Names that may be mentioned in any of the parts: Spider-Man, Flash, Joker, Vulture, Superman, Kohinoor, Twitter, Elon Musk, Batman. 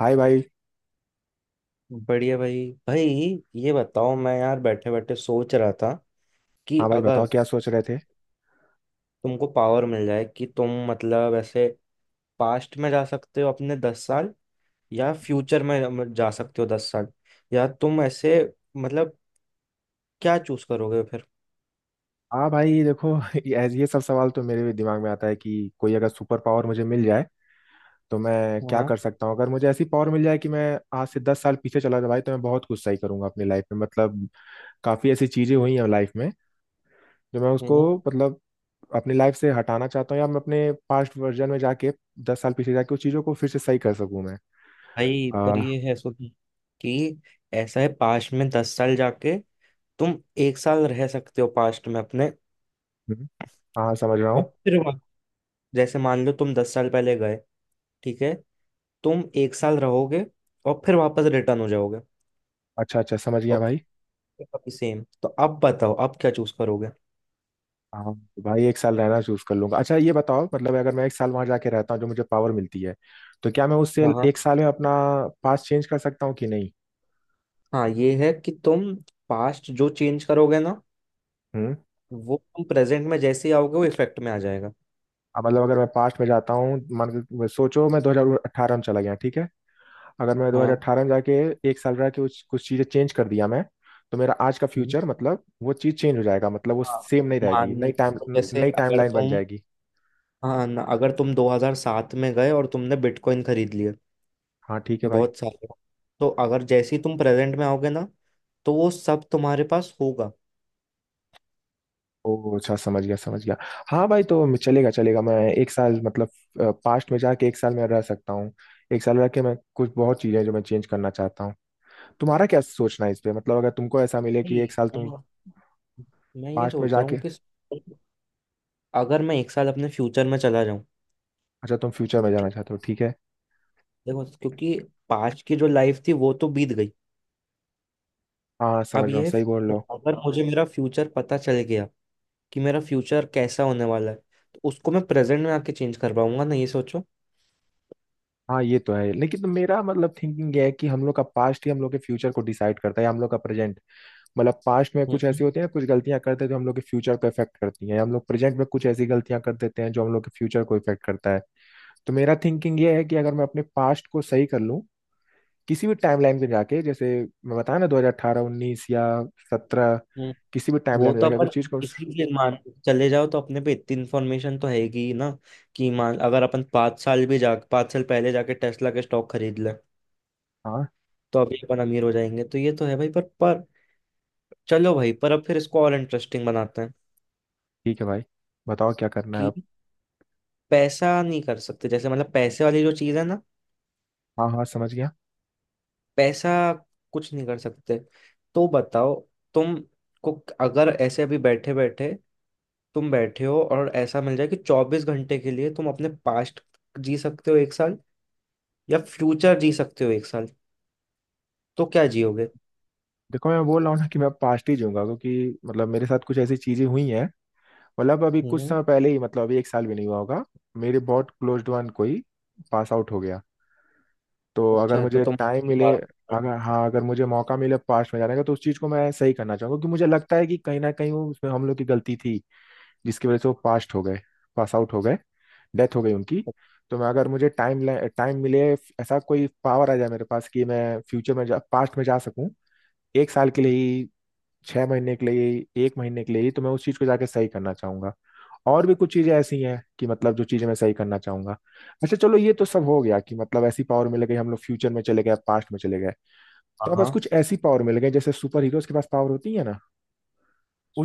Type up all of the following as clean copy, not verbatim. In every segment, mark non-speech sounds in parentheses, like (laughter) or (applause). हाय भाई। बढ़िया भाई भाई। ये बताओ, मैं यार बैठे बैठे सोच रहा था कि हाँ भाई बताओ अगर क्या सोच रहे थे। तुमको पावर मिल जाए कि तुम, मतलब, ऐसे पास्ट में जा सकते हो अपने 10 साल, या फ्यूचर में जा सकते हो 10 साल, या तुम ऐसे, मतलब, क्या चूज करोगे फिर। हाँ भाई ये देखो। (laughs) ये सब सवाल तो मेरे भी दिमाग में आता है कि कोई अगर सुपर पावर मुझे मिल जाए तो मैं क्या कर हाँ। सकता हूँ। अगर मुझे ऐसी पावर मिल जाए कि मैं आज से दस साल पीछे चला जाऊँ भाई तो मैं बहुत कुछ सही करूंगा अपनी लाइफ में। मतलब काफ़ी ऐसी चीज़ें हुई हैं लाइफ में जो मैं उसको, हम्म। मतलब अपनी लाइफ से हटाना चाहता हूँ, या मैं अपने पास्ट वर्जन में जाके दस साल पीछे जाके उस चीज़ों को फिर से सही कर सकूँ मैं। भाई आ, पर ये है, सो कि ऐसा है, पास्ट में 10 साल जाके तुम एक साल रह सकते हो पास्ट में अपने। हम्म, हाँ समझ रहा और हूँ। फिर वहाँ- जैसे मान लो तुम 10 साल पहले गए, ठीक है, तुम एक साल रहोगे और फिर वापस रिटर्न हो जाओगे। अच्छा अच्छा समझ गया और भाई। फिर सेम। तो अब बताओ, अब क्या चूज करोगे। हाँ तो भाई एक साल रहना चूज कर लूंगा। अच्छा ये बताओ मतलब अगर मैं एक साल वहां जाके रहता हूँ जो मुझे पावर मिलती है तो क्या मैं उससे हाँ हाँ। एक साल में अपना पास्ट चेंज कर सकता हूँ कि नहीं। हाँ ये है कि तुम पास्ट जो चेंज करोगे ना, हम्म। वो तुम प्रेजेंट में जैसे ही आओगे वो इफेक्ट में आ जाएगा। अब मतलब अगर मैं पास्ट में जाता हूँ, मान के सोचो मैं 2018 में चला गया, ठीक है। अगर मैं हाँ। 2018 में जाके एक साल रह के कुछ चीजें चेंज कर दिया मैं, तो मेरा आज का हम्म। फ्यूचर मतलब वो चीज चेंज हो जाएगा, मतलब वो हाँ सेम नहीं रहेगी। मान, नई टाइम, जैसे नई अगर टाइमलाइन बन तुम, जाएगी। हाँ ना, अगर तुम 2007 में गए और तुमने बिटकॉइन खरीद लिए हाँ ठीक है भाई। बहुत सारे, तो अगर जैसे ही तुम प्रेजेंट में आओगे ना, तो वो सब तुम्हारे पास होगा। ओ अच्छा समझ गया समझ गया। हाँ भाई तो चलेगा चलेगा। मैं एक साल मतलब पास्ट में जाके एक साल मैं रह सकता हूँ। एक साल रह के मैं कुछ बहुत चीज़ें हैं जो मैं चेंज करना चाहता हूँ। तुम्हारा क्या सोचना है इस पे। मतलब अगर तुमको ऐसा मिले कि नहीं, एक साल तुम मैं ये पास्ट में सोच रहा जाके। हूँ कि अगर मैं एक साल अपने फ्यूचर में चला जाऊं, अच्छा तुम फ्यूचर में जाना ठीक। चाहते हो ठीक है। देखो, क्योंकि पास्ट की जो लाइफ थी वो तो बीत गई, हाँ समझ अब रहा हूँ, ये है सही बोल रहे future। हो। अगर मुझे मेरा फ्यूचर पता चल गया कि मेरा फ्यूचर कैसा होने वाला है, तो उसको मैं प्रेजेंट में आके चेंज कर पाऊंगा ना, ये सोचो। हाँ ये तो है, लेकिन तो मेरा मतलब थिंकिंग ये है कि हम लोग का पास्ट ही हम लोग के फ्यूचर को डिसाइड करता है या हम लोग का प्रेजेंट। मतलब पास्ट में कुछ हम्म। ऐसी होती है, कुछ गलतियां करते हैं जो हम लोग के फ्यूचर को इफेक्ट करती हैं, या हम लोग प्रेजेंट में कुछ ऐसी गलतियां कर देते हैं जो हम लोग के फ्यूचर को इफेक्ट करता है। तो मेरा थिंकिंग ये है कि अगर मैं अपने पास्ट को सही कर लूं, किसी भी टाइमलाइन पे जाके, जैसे मैं बताया ना 2018, 19 या 17, हम्म। किसी भी वो टाइमलाइन पे तो जाके अपन, कुछ चीज़ को। इसीलिए मान, चले जाओ तो अपने पे इतनी इन्फॉर्मेशन तो हैगी ही ना, कि मान अगर अपन 5 साल पहले जाके टेस्ला के स्टॉक खरीद लें हाँ तो अभी अपन अमीर हो जाएंगे। तो ये तो है भाई। पर चलो भाई, पर अब फिर इसको और इंटरेस्टिंग बनाते हैं ठीक है भाई, बताओ क्या करना है कि अब। पैसा नहीं कर सकते, जैसे, मतलब, पैसे वाली जो चीज है ना, हाँ हाँ समझ गया। पैसा कुछ नहीं कर सकते, तो बताओ तुम को अगर ऐसे अभी बैठे बैठे तुम बैठे हो और ऐसा मिल जाए कि 24 घंटे के लिए तुम अपने पास्ट जी सकते हो एक साल, या फ्यूचर जी सकते हो एक साल, तो क्या जियोगे। देखो मैं बोल रहा हूँ ना कि मैं पास्ट ही जाऊंगा क्योंकि मतलब मेरे साथ कुछ ऐसी चीज़ें हुई हैं। मतलब अभी कुछ हम्म। समय पहले ही, मतलब अभी एक साल भी नहीं हुआ होगा, मेरे बहुत क्लोज्ड वन कोई पास आउट हो गया। तो अगर अच्छा। मुझे तो अच्छा तुम टाइम मिले, (laughs) अगर हाँ अगर मुझे मौका मिले पास्ट में जाने का तो उस चीज़ को मैं सही करना चाहूंगा क्योंकि मुझे लगता है कि कहीं ना कहीं वो, उसमें हम लोग की गलती थी जिसकी वजह से वो पास्ट हो गए, पास आउट हो गए, डेथ हो गई उनकी। तो मैं अगर मुझे टाइम टाइम मिले, ऐसा कोई पावर आ जाए मेरे पास कि मैं फ्यूचर में जा, पास्ट में जा सकूं एक साल के लिए ही, छह महीने के लिए ही, एक महीने के लिए ही, तो मैं उस चीज़ को जाके सही करना चाहूंगा। और भी कुछ चीजें ऐसी हैं कि मतलब जो चीजें मैं सही करना चाहूंगा। अच्छा चलो ये तो सब हो गया कि मतलब ऐसी पावर मिल गई, हम लोग फ्यूचर में चले गए, पास्ट में चले गए, तो हाँ अब बस हाँ। कुछ ऐसी पावर मिल गई जैसे सुपर हीरोज के पास पावर होती है ना,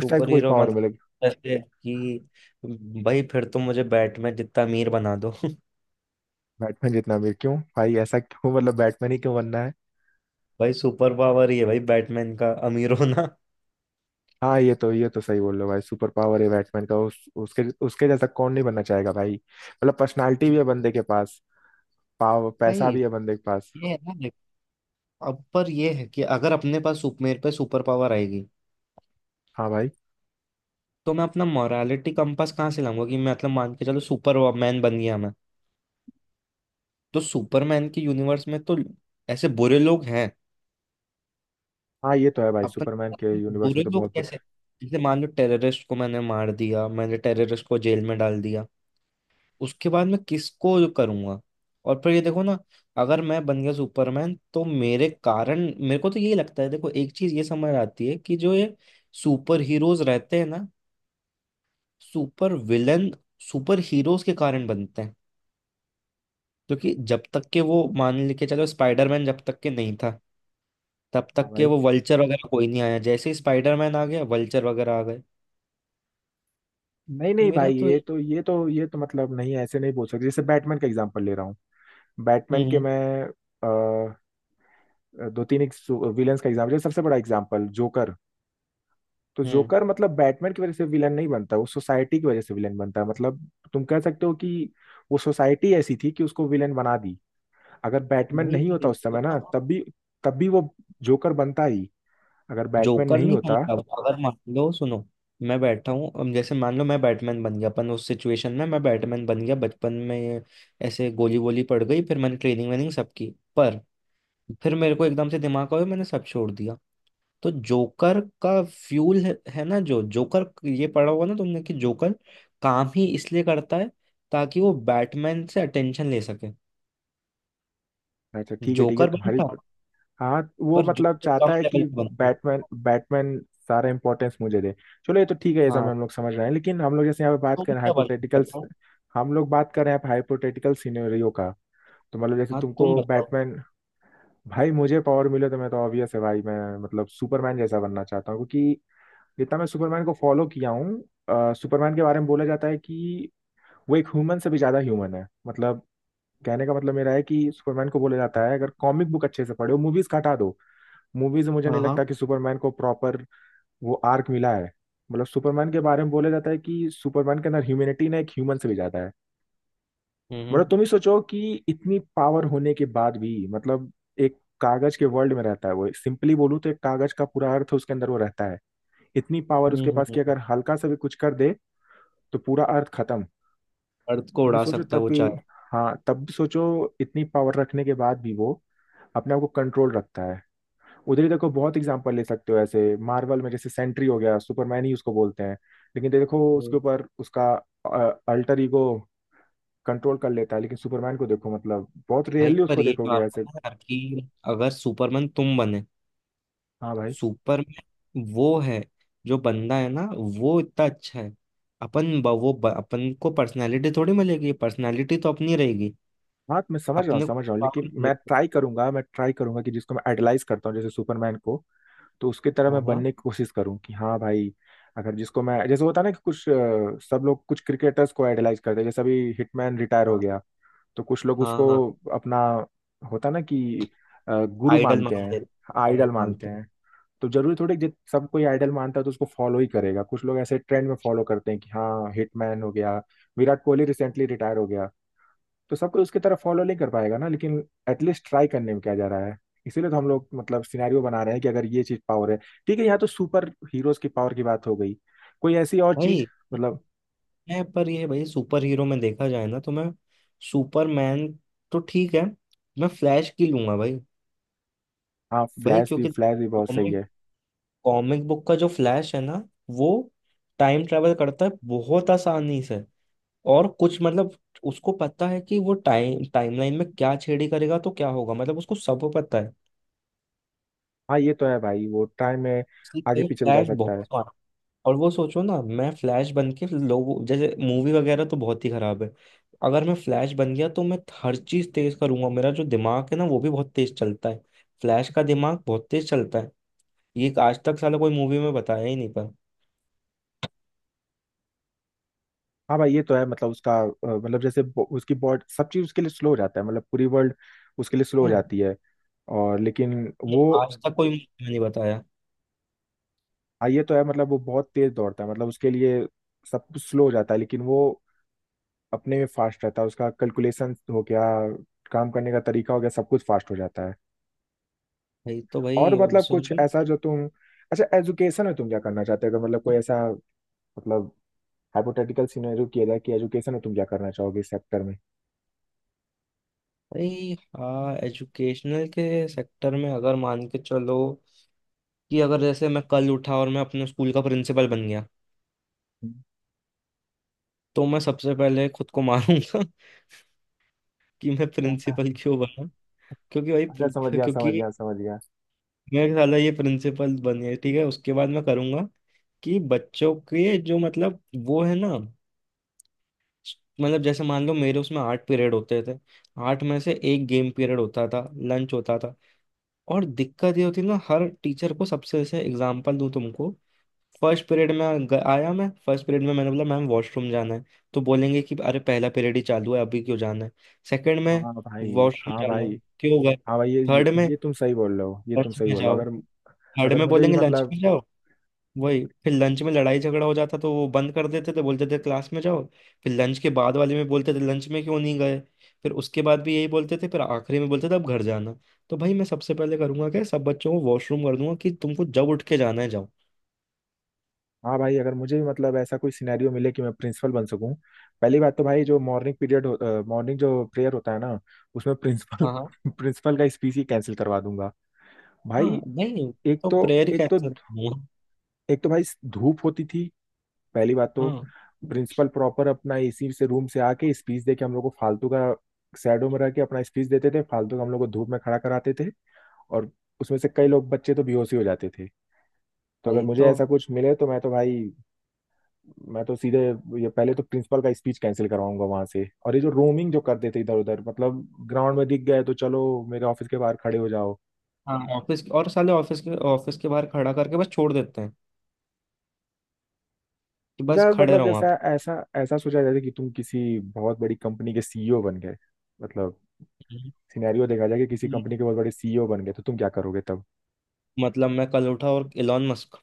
उस टाइप की कोई हीरो पावर मतलब? मिल गई। जैसे कि, भाई, फिर तो मुझे बैटमैन जितना अमीर बना दो। (laughs) बैटमैन जितना अमीर क्यों भाई, ऐसा क्यों, मतलब बैटमैन ही क्यों बनना है। भाई सुपर पावर ही है भाई बैटमैन का अमीर होना। हाँ ये तो सही बोल रहे हो भाई, सुपर पावर है बैटमैन का। उस, उसके उसके जैसा कौन नहीं बनना चाहेगा भाई, मतलब पर्सनालिटी भी है बंदे के पास, पाव भाई पैसा भी है बंदे के पास। ये है ना, देखो, अब पर ये है कि अगर अपने पास सुप मेरे पे सुपर पावर आएगी, हाँ भाई। तो मैं अपना मोरालिटी कंपास कहाँ से लाऊंगा कि मैं, मतलब, मान के चलो सुपर मैन बन गया मैं, तो सुपरमैन के यूनिवर्स में तो ऐसे बुरे लोग हैं हाँ ये तो है भाई, अपन। सुपरमैन के यूनिवर्स बुरे में तो लोग बहुत। कैसे? जैसे मान लो टेररिस्ट को मैंने मार दिया, मैंने टेररिस्ट को जेल में डाल दिया, उसके बाद मैं किसको जो करूंगा। और फिर ये देखो ना, अगर मैं बन गया सुपरमैन तो मेरे कारण, मेरे को तो यही लगता है। देखो, एक चीज ये समझ आती है कि जो ये सुपर हीरोज रहते हैं ना, सुपर विलन सुपर हीरोज के कारण बनते हैं, क्योंकि जब तक के वो, मान लेके चलो, स्पाइडरमैन जब तक के नहीं था तब हाँ तक के भाई। वो वल्चर वगैरह कोई नहीं आया, जैसे ही स्पाइडरमैन आ गया वल्चर वगैरह आ गए। नहीं तो नहीं मेरा भाई, तो ये ये- तो ये तो ये तो मतलब नहीं, ऐसे नहीं बोल सकते। जैसे बैटमैन का एग्जांपल ले रहा हूँ, बैटमैन के हम्म। मैं अ, दो तीन विलन्स का एग्जांपल, सबसे बड़ा एग्जांपल जोकर। तो हम्म। जोकर मतलब बैटमैन की वजह से विलन नहीं बनता, वो सोसाइटी की वजह से विलन बनता है। मतलब तुम कह सकते हो कि वो सोसाइटी ऐसी थी कि उसको विलन बना दी। अगर बैटमैन भाई नहीं होता उस समय ना, तब भी, तब भी वो जोकर बनता ही, अगर बैटमैन जोकर नहीं नहीं होता। बनता वो। अगर मान लो, सुनो, मैं बैठा हूँ, अब जैसे मान लो मैं बैटमैन बन गया, अपन उस सिचुएशन में मैं बैटमैन बन गया बचपन में, ऐसे गोली गोली पड़ गई, फिर मैंने ट्रेनिंग वेनिंग सब की, पर फिर मेरे को एकदम से दिमाग आया मैंने सब छोड़ दिया। तो जोकर का फ्यूल है ना, जो जोकर, ये पढ़ा होगा ना तुमने कि जोकर काम ही इसलिए करता है ताकि वो बैटमैन से अटेंशन ले सके। अच्छा ठीक है जोकर तुम्हारी। बनता, हाँ वो पर मतलब जोकर चाहता कम है लेवल कि पे बनता। बैटमैन, बैटमैन सारा इंपॉर्टेंस मुझे दे। चलो ये तो ठीक है, ये सब हाँ, हम लोग समझ रहे हैं, लेकिन हम लोग जैसे यहाँ पे बात कर तुम रहे हैं क्या बनते हाइपोथेटिकल, हो? बताओ। हम लोग बात कर रहे हैं हाइपोथेटिकल सिनेरियो का। तो मतलब जैसे हाँ, तुम तुमको बताओ। बैटमैन। भाई मुझे पावर मिले तो मैं, तो ऑब्वियस है भाई मैं मतलब सुपरमैन जैसा बनना चाहता हूँ क्योंकि जितना मैं सुपरमैन को फॉलो किया हूँ, सुपरमैन के बारे में बोला जाता है कि वो एक ह्यूमन से भी ज्यादा ह्यूमन है। मतलब कहने का मतलब मेरा है कि सुपरमैन को बोला जाता है, अगर कॉमिक बुक अच्छे से पढ़ो, मूवीज हटा दो। मूवीज में मुझे नहीं हाँ। लगता हाँ। कि सुपरमैन को प्रॉपर वो आर्क मिला है। मतलब सुपरमैन के बारे में बोला जाता है कि सुपरमैन के अंदर ह्यूमैनिटी ना एक ह्यूमन से भी ज्यादा है। हम्म। मतलब तुम ही सोचो कि इतनी पावर होने के बाद भी मतलब एक कागज के वर्ल्ड में रहता है वो, सिंपली बोलूँ तो एक कागज का पूरा अर्थ उसके अंदर वो रहता है। इतनी पावर हम्म। उसके पास कि अगर हल्का सा भी कुछ कर दे तो पूरा अर्थ खत्म। अर्थ को लेकिन उड़ा सोचो सकता है तब वो भी, चाहे। हाँ तब भी सोचो, इतनी पावर रखने के बाद भी वो अपने आप को कंट्रोल रखता है। उधर ही देखो, बहुत एग्जांपल ले सकते हो ऐसे, मार्वल में जैसे सेंट्री हो गया, सुपरमैन ही उसको बोलते हैं। लेकिन देखो हम्म। उसके ऊपर उसका अल्टर ईगो कंट्रोल कर लेता है, लेकिन सुपरमैन को देखो मतलब बहुत भाई रेयरली पर उसको ये देखोगे बात ऐसे। है यार कि अगर सुपरमैन तुम बने, हाँ भाई। सुपरमैन वो है, जो बंदा है ना, वो इतना अच्छा है, अपन ब- वो ब- अपन को पर्सनालिटी थोड़ी मिलेगी, पर्सनालिटी तो अपनी रहेगी, हाँ तो मैं समझ रहा हूँ, अपने समझ रहा को हूँ लेकिन power मैं मिलेगी। ट्राई करूंगा, मैं ट्राई करूंगा कि जिसको मैं आइडलाइज करता हूँ जैसे सुपरमैन को, तो उसकी तरह हाँ। मैं हाँ। बनने की कोशिश करूँ, कि हाँ भाई अगर जिसको मैं, जैसे होता है ना कि कुछ सब लोग कुछ क्रिकेटर्स को आइडलाइज करते हैं, जैसे अभी हिटमैन रिटायर हो हाँ। गया तो कुछ लोग हाँ। उसको हाँ, अपना, होता ना कि गुरु आइडल मानते मान ले, हैं, आइडल आइडल मानते मानते हैं। हैं। तो जरूरी थोड़ी कि जब सब कोई आइडल मानता है तो उसको फॉलो ही करेगा। कुछ लोग ऐसे ट्रेंड में फॉलो करते हैं कि हाँ हिटमैन हो गया, विराट कोहली रिसेंटली रिटायर हो गया। तो सब कोई उसकी तरह फॉलो नहीं कर पाएगा ना, लेकिन एटलीस्ट ट्राई करने में क्या जा रहा है। इसीलिए तो हम लोग मतलब सिनेरियो बना रहे हैं कि अगर ये चीज पावर है। ठीक है, यहाँ तो सुपर हीरोज की पावर की बात हो गई, कोई ऐसी और चीज भाई मतलब। मैं, पर ये भाई, सुपर हीरो में देखा जाए ना, तो मैं सुपरमैन तो ठीक है, मैं फ्लैश की लूंगा भाई। हाँ भाई फ्लैश भी, क्योंकि फ्लैश भी बहुत सही कॉमिक है। कॉमिक बुक का जो फ्लैश है ना, वो टाइम ट्रेवल करता है बहुत आसानी से, और कुछ, मतलब, उसको पता है कि वो टाइमलाइन में क्या छेड़ी करेगा तो क्या होगा, मतलब उसको सब पता है, हाँ ये तो है भाई, वो टाइम में इसलिए आगे भाई पीछे भी जा फ्लैश सकता बहुत है। smart। और वो सोचो ना, मैं फ्लैश बन के लोगों, जैसे मूवी वगैरह तो बहुत ही खराब है, अगर मैं फ्लैश बन गया तो मैं हर चीज तेज करूंगा, मेरा जो दिमाग है ना वो भी बहुत तेज चलता है, फ्लैश का दिमाग बहुत तेज चलता है, ये आज तक साला कोई मूवी में बताया ही नहीं पर। हाँ भाई ये तो है, मतलब उसका मतलब जैसे उसकी बॉडी, सब चीज उसके लिए स्लो हो जाता है, मतलब पूरी वर्ल्ड उसके लिए स्लो हो हाँ, जाती है। और लेकिन ये वो, आज तक कोई मुझे नहीं बताया। हाँ ये तो है, मतलब वो बहुत तेज दौड़ता है, मतलब उसके लिए सब कुछ स्लो हो जाता है लेकिन वो अपने में फास्ट रहता है। उसका कैलकुलेशन हो गया, काम करने का तरीका हो गया, सब कुछ फास्ट हो जाता है। भाई तो, और भाई, अब मतलब कुछ सोचो। ऐसा जो तुम, अच्छा एजुकेशन में तुम क्या करना चाहते हो, अगर मतलब कोई ऐसा मतलब हाइपोथेटिकल सिनेरियो किया जाए कि एजुकेशन में तुम क्या करना चाहोगे इस सेक्टर में। भाई हाँ, एजुकेशनल के सेक्टर में अगर मान के चलो कि अगर जैसे मैं कल उठा और मैं अपने स्कूल का प्रिंसिपल बन गया, हम्म, तो मैं सबसे पहले खुद को मारूंगा (laughs) कि मैं ऐसा। प्रिंसिपल क्यों बना। क्योंकि भाई अच्छा समझ प्रि- गया समझ क्योंकि गया समझ गया। मैं साला ये प्रिंसिपल बन गया, ठीक है, उसके बाद मैं करूंगा कि बच्चों के जो, मतलब, वो है ना, मतलब जैसे मान लो मेरे उसमें 8 पीरियड होते थे, 8 में से एक गेम पीरियड होता था, लंच होता था, और दिक्कत ये होती है ना हर टीचर को, सबसे, जैसे एग्जांपल दूं तुमको, फर्स्ट पीरियड में आया, मैं फर्स्ट पीरियड में मैंने बोला मैम वॉशरूम जाना है, तो बोलेंगे कि अरे पहला पीरियड ही चालू है अभी क्यों जाना है, सेकंड में हाँ भाई। वॉशरूम हाँ जाना है भाई। क्यों गए, हाँ भाई थर्ड में ये तुम सही बोल रहे हो, ये तुम लंच सही में बोल रहे हो जाओ अगर, थर्ड अगर में मुझे भी बोलेंगे लंच मतलब। में जाओ, वही फिर लंच में लड़ाई झगड़ा हो जाता तो वो बंद कर देते थे, बोलते थे क्लास में जाओ, फिर लंच के बाद वाले में बोलते थे लंच में क्यों नहीं गए, फिर उसके बाद भी यही बोलते थे, फिर आखिरी में बोलते थे अब घर जाना। तो भाई मैं सबसे पहले करूंगा क्या, सब बच्चों को वॉशरूम कर दूंगा, कि तुमको जब उठ के जाना है जाओ। हाँ भाई अगर मुझे भी मतलब ऐसा कोई सिनेरियो मिले कि मैं प्रिंसिपल बन सकूं, पहली बात तो भाई जो मॉर्निंग पीरियड, मॉर्निंग जो प्रेयर होता है ना उसमें प्रिंसिपल हाँ। हाँ। प्रिंसिपल (laughs) का स्पीच ही कैंसिल करवा दूंगा। हाँ। भाई नहीं, एक तो तो, प्रेयर एक तो, कैंसिल करूंगा। एक तो भाई धूप होती थी। पहली बात तो हाँ प्रिंसिपल प्रॉपर अपना एसी से रूम से आके स्पीच दे के हम लोग को फालतू का, शैडो में रह के अपना स्पीच देते थे, फालतू का हम लोग को धूप में खड़ा कराते थे, और उसमें से कई लोग बच्चे तो बेहोश ही हो जाते थे। तो अगर भाई। मुझे तो ऐसा कुछ मिले तो मैं तो भाई, मैं तो सीधे ये पहले तो प्रिंसिपल का स्पीच कैंसिल करवाऊंगा वहां से। और ये जो रोमिंग जो करते थे इधर उधर, मतलब ग्राउंड में दिख गए तो चलो मेरे ऑफिस के बाहर खड़े हो जाओ। हाँ, ऑफिस, और साले ऑफिस के बाहर खड़ा करके बस छोड़ देते हैं कि बस अच्छा खड़े मतलब रहो वहां जैसा पर, ऐसा ऐसा सोचा जाए कि तुम किसी बहुत बड़ी कंपनी के सीईओ बन गए। मतलब, सिनेरियो देखा जाए कि किसी कंपनी के बहुत बड़े सीईओ बन गए तो तुम क्या करोगे तब? मतलब मैं कल उठा और इलॉन मस्क,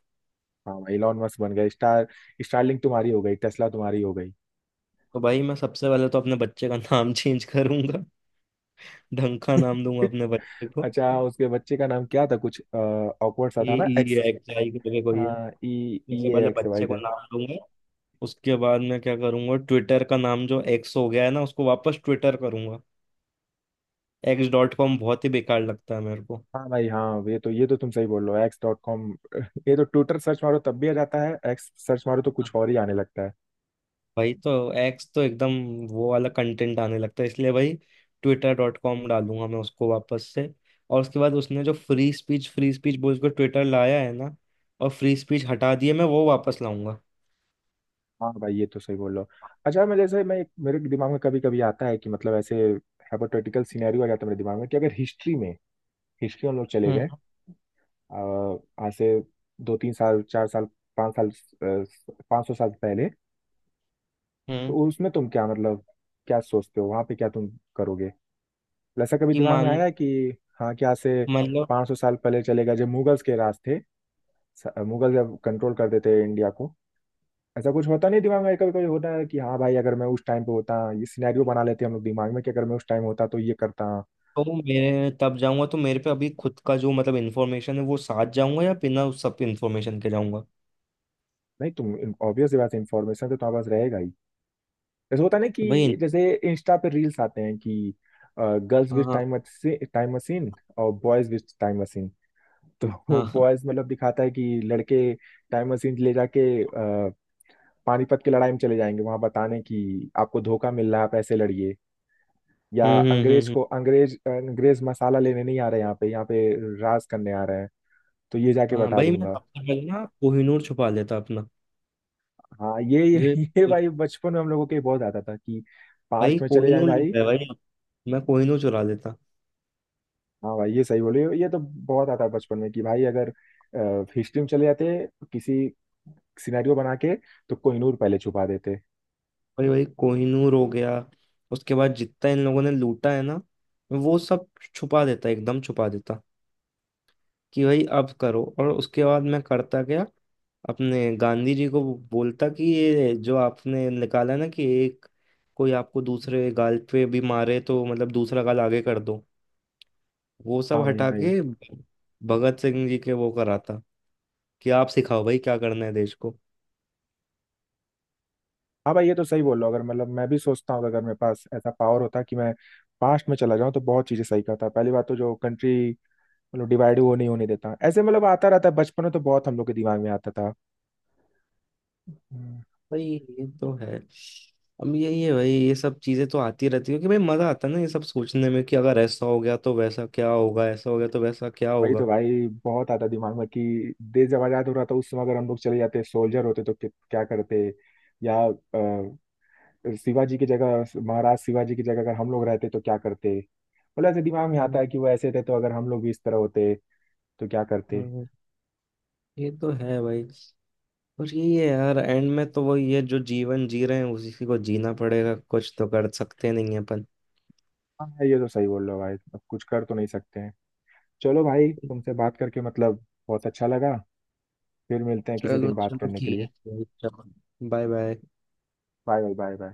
हाँ भाई, इलॉन मस्क बन गए। स्टारलिंक तुम्हारी हो गई, टेस्ला तुम्हारी हो गई। तो भाई मैं सबसे पहले तो अपने बच्चे का नाम (laughs) चेंज करूंगा, ढंका नाम दूंगा अपने बच्चे को, अच्छा, उसके बच्चे का नाम क्या था? कुछ ऑकवर्ड सा ए था ना, ई एक्स एक्स आई करके कोई है। ई। ई सबसे पहले एक्स वाई। बच्चे को नाम दूंगा। उसके बाद मैं क्या करूंगा, ट्विटर का नाम जो एक्स हो गया है ना उसको वापस ट्विटर करूंगा, एक्स डॉट कॉम बहुत ही बेकार लगता है मेरे को, हाँ भाई, हाँ, ये तो तुम सही बोल रहे हो, एक्स डॉट कॉम (laughs) ये तो ट्विटर सर्च मारो तब भी आ जाता है, एक्स सर्च मारो तो कुछ और ही आने लगता है। भाई तो एक्स तो एकदम वो वाला कंटेंट आने लगता है, इसलिए भाई ट्विटर डॉट कॉम डालूंगा मैं उसको वापस से। और उसके बाद उसने जो फ्री स्पीच बोल के ट्विटर लाया है ना, और फ्री स्पीच हटा दिए, मैं वो वापस लाऊंगा। हाँ भाई, ये तो सही बोल रहे हो। अच्छा, मैं जैसे मैं मेरे दिमाग में कभी कभी आता है कि मतलब ऐसे हाइपोथेटिकल सिनेरियो आ जाता है मेरे दिमाग में कि अगर हिस्ट्री हम लोग चले हम्म। गए, अ, आज से 2-3 साल, 4 साल, 5 साल, 500 साल पहले, हम्म, तो उसमें तुम क्या, मतलब क्या सोचते हो, वहाँ पे क्या तुम करोगे? ऐसा कभी कि दिमाग में मान, आया है कि हाँ, क्या से मतलब, 500 साल पहले चले गए जब मुगल्स के राज थे। मुगल जब कंट्रोल कर देते इंडिया को, ऐसा कुछ होता नहीं दिमाग में? कभी कभी होता है कि हाँ भाई, अगर मैं उस टाइम पे होता, ये सिनेरियो बना लेते हम लोग दिमाग में कि अगर मैं उस टाइम होता तो ये करता। तो मैं तब जाऊंगा तो मेरे पे अभी खुद का जो, मतलब, इन्फॉर्मेशन है वो साथ जाऊंगा या बिना उस सब इन्फॉर्मेशन के जाऊंगा। नहीं, तुम, ऑब्वियस बात है, इन्फॉर्मेशन तो तुम्हारे पास रहेगा ही। जैसे होता है ना कि भाई। जैसे इंस्टा पे रील्स आते हैं कि गर्ल्स हाँ। विथ हाँ। टाइम, टाइम मशीन, और बॉयज विथ टाइम मशीन। तो हाँ, (laughs) हाँ, बॉयज, मतलब दिखाता है कि लड़के टाइम मशीन ले जाके पानीपत की लड़ाई में चले जाएंगे, वहां बताने कि आपको धोखा मिल रहा है, आप ऐसे लड़िए। या हम्म। हम्म। हम्म। अंग्रेज हम्म। को अंग्रेज अंग्रेज मसाला लेने नहीं आ रहे, यहाँ पे, यहाँ पे राज करने आ रहे हैं, तो ये जाके हाँ बता भाई, मैं दूंगा। सबसे पहले ना कोहिनूर छुपा लेता अपना, हाँ, जो (laughs) ये भाई, बचपन में हम लोगों के बहुत आता था कि भाई पास्ट में चले जाए कोहिनूर भाई। लेता है भाई, मैं कोहिनूर चुरा लेता, हाँ भाई, ये सही बोले हो, ये तो बहुत आता बचपन में कि भाई अगर हिस्ट्री में चले जाते, किसी सिनेरियो बना के, तो कोहिनूर पहले छुपा देते। भाई, भाई, कोहिनूर हो गया, उसके बाद जितना इन लोगों ने लूटा है ना वो सब छुपा देता, एकदम छुपा देता, कि भाई अब करो, और उसके बाद मैं करता क्या, अपने गांधी जी को बोलता कि ये जो आपने निकाला ना कि एक, कोई आपको दूसरे गाल पे भी मारे तो, मतलब, दूसरा गाल आगे कर दो, वो सब हाँ भाई हटा हाँ ये के भगत सिंह जी के वो कराता कि आप सिखाओ भाई क्या करना है देश को। हाँ भाई, ये तो सही बोल रहे हो। अगर, मतलब, मैं भी सोचता हूँ कि अगर मेरे पास ऐसा पावर होता कि मैं पास्ट में चला जाऊँ तो बहुत चीजें सही करता। पहली बात तो, जो कंट्री, मतलब, डिवाइड, वो नहीं होने देता। ऐसे मतलब आता रहता है बचपन में, तो बहुत हम लोग के दिमाग में आता था। हम्म। भाई ये तो है, अब यही है भाई, ये सब चीजें तो आती रहती है कि भाई मजा आता है ना ये सब सोचने में कि अगर ऐसा हो गया तो वैसा क्या होगा, ऐसा हो गया तो वैसा क्या वही तो होगा। भाई, बहुत आता दिमाग में कि देश जब आजाद हो रहा था उस समय अगर हम लोग चले जाते, सोल्जर होते, तो क्या करते। या शिवाजी की जगह महाराज शिवाजी की जगह अगर हम लोग रहते तो क्या करते, मतलब ऐसे दिमाग में आता हम्म, है कि वो ऐसे थे, तो अगर हम लोग भी इस तरह होते तो क्या करते। हम्म, ये तो है भाई, और यही है यार, एंड में तो वही है जो जीवन जी रहे हैं उसी को जीना पड़ेगा, कुछ तो कर सकते नहीं है अपन। हाँ, ये तो सही बोल रहे हो भाई, अब कुछ कर तो नहीं सकते हैं। चलो भाई, तुमसे बात करके मतलब बहुत अच्छा लगा। फिर मिलते हैं किसी चलो दिन बात चलो, करने के लिए। ठीक है, चलो। Bye bye. Bye bye, bye bye.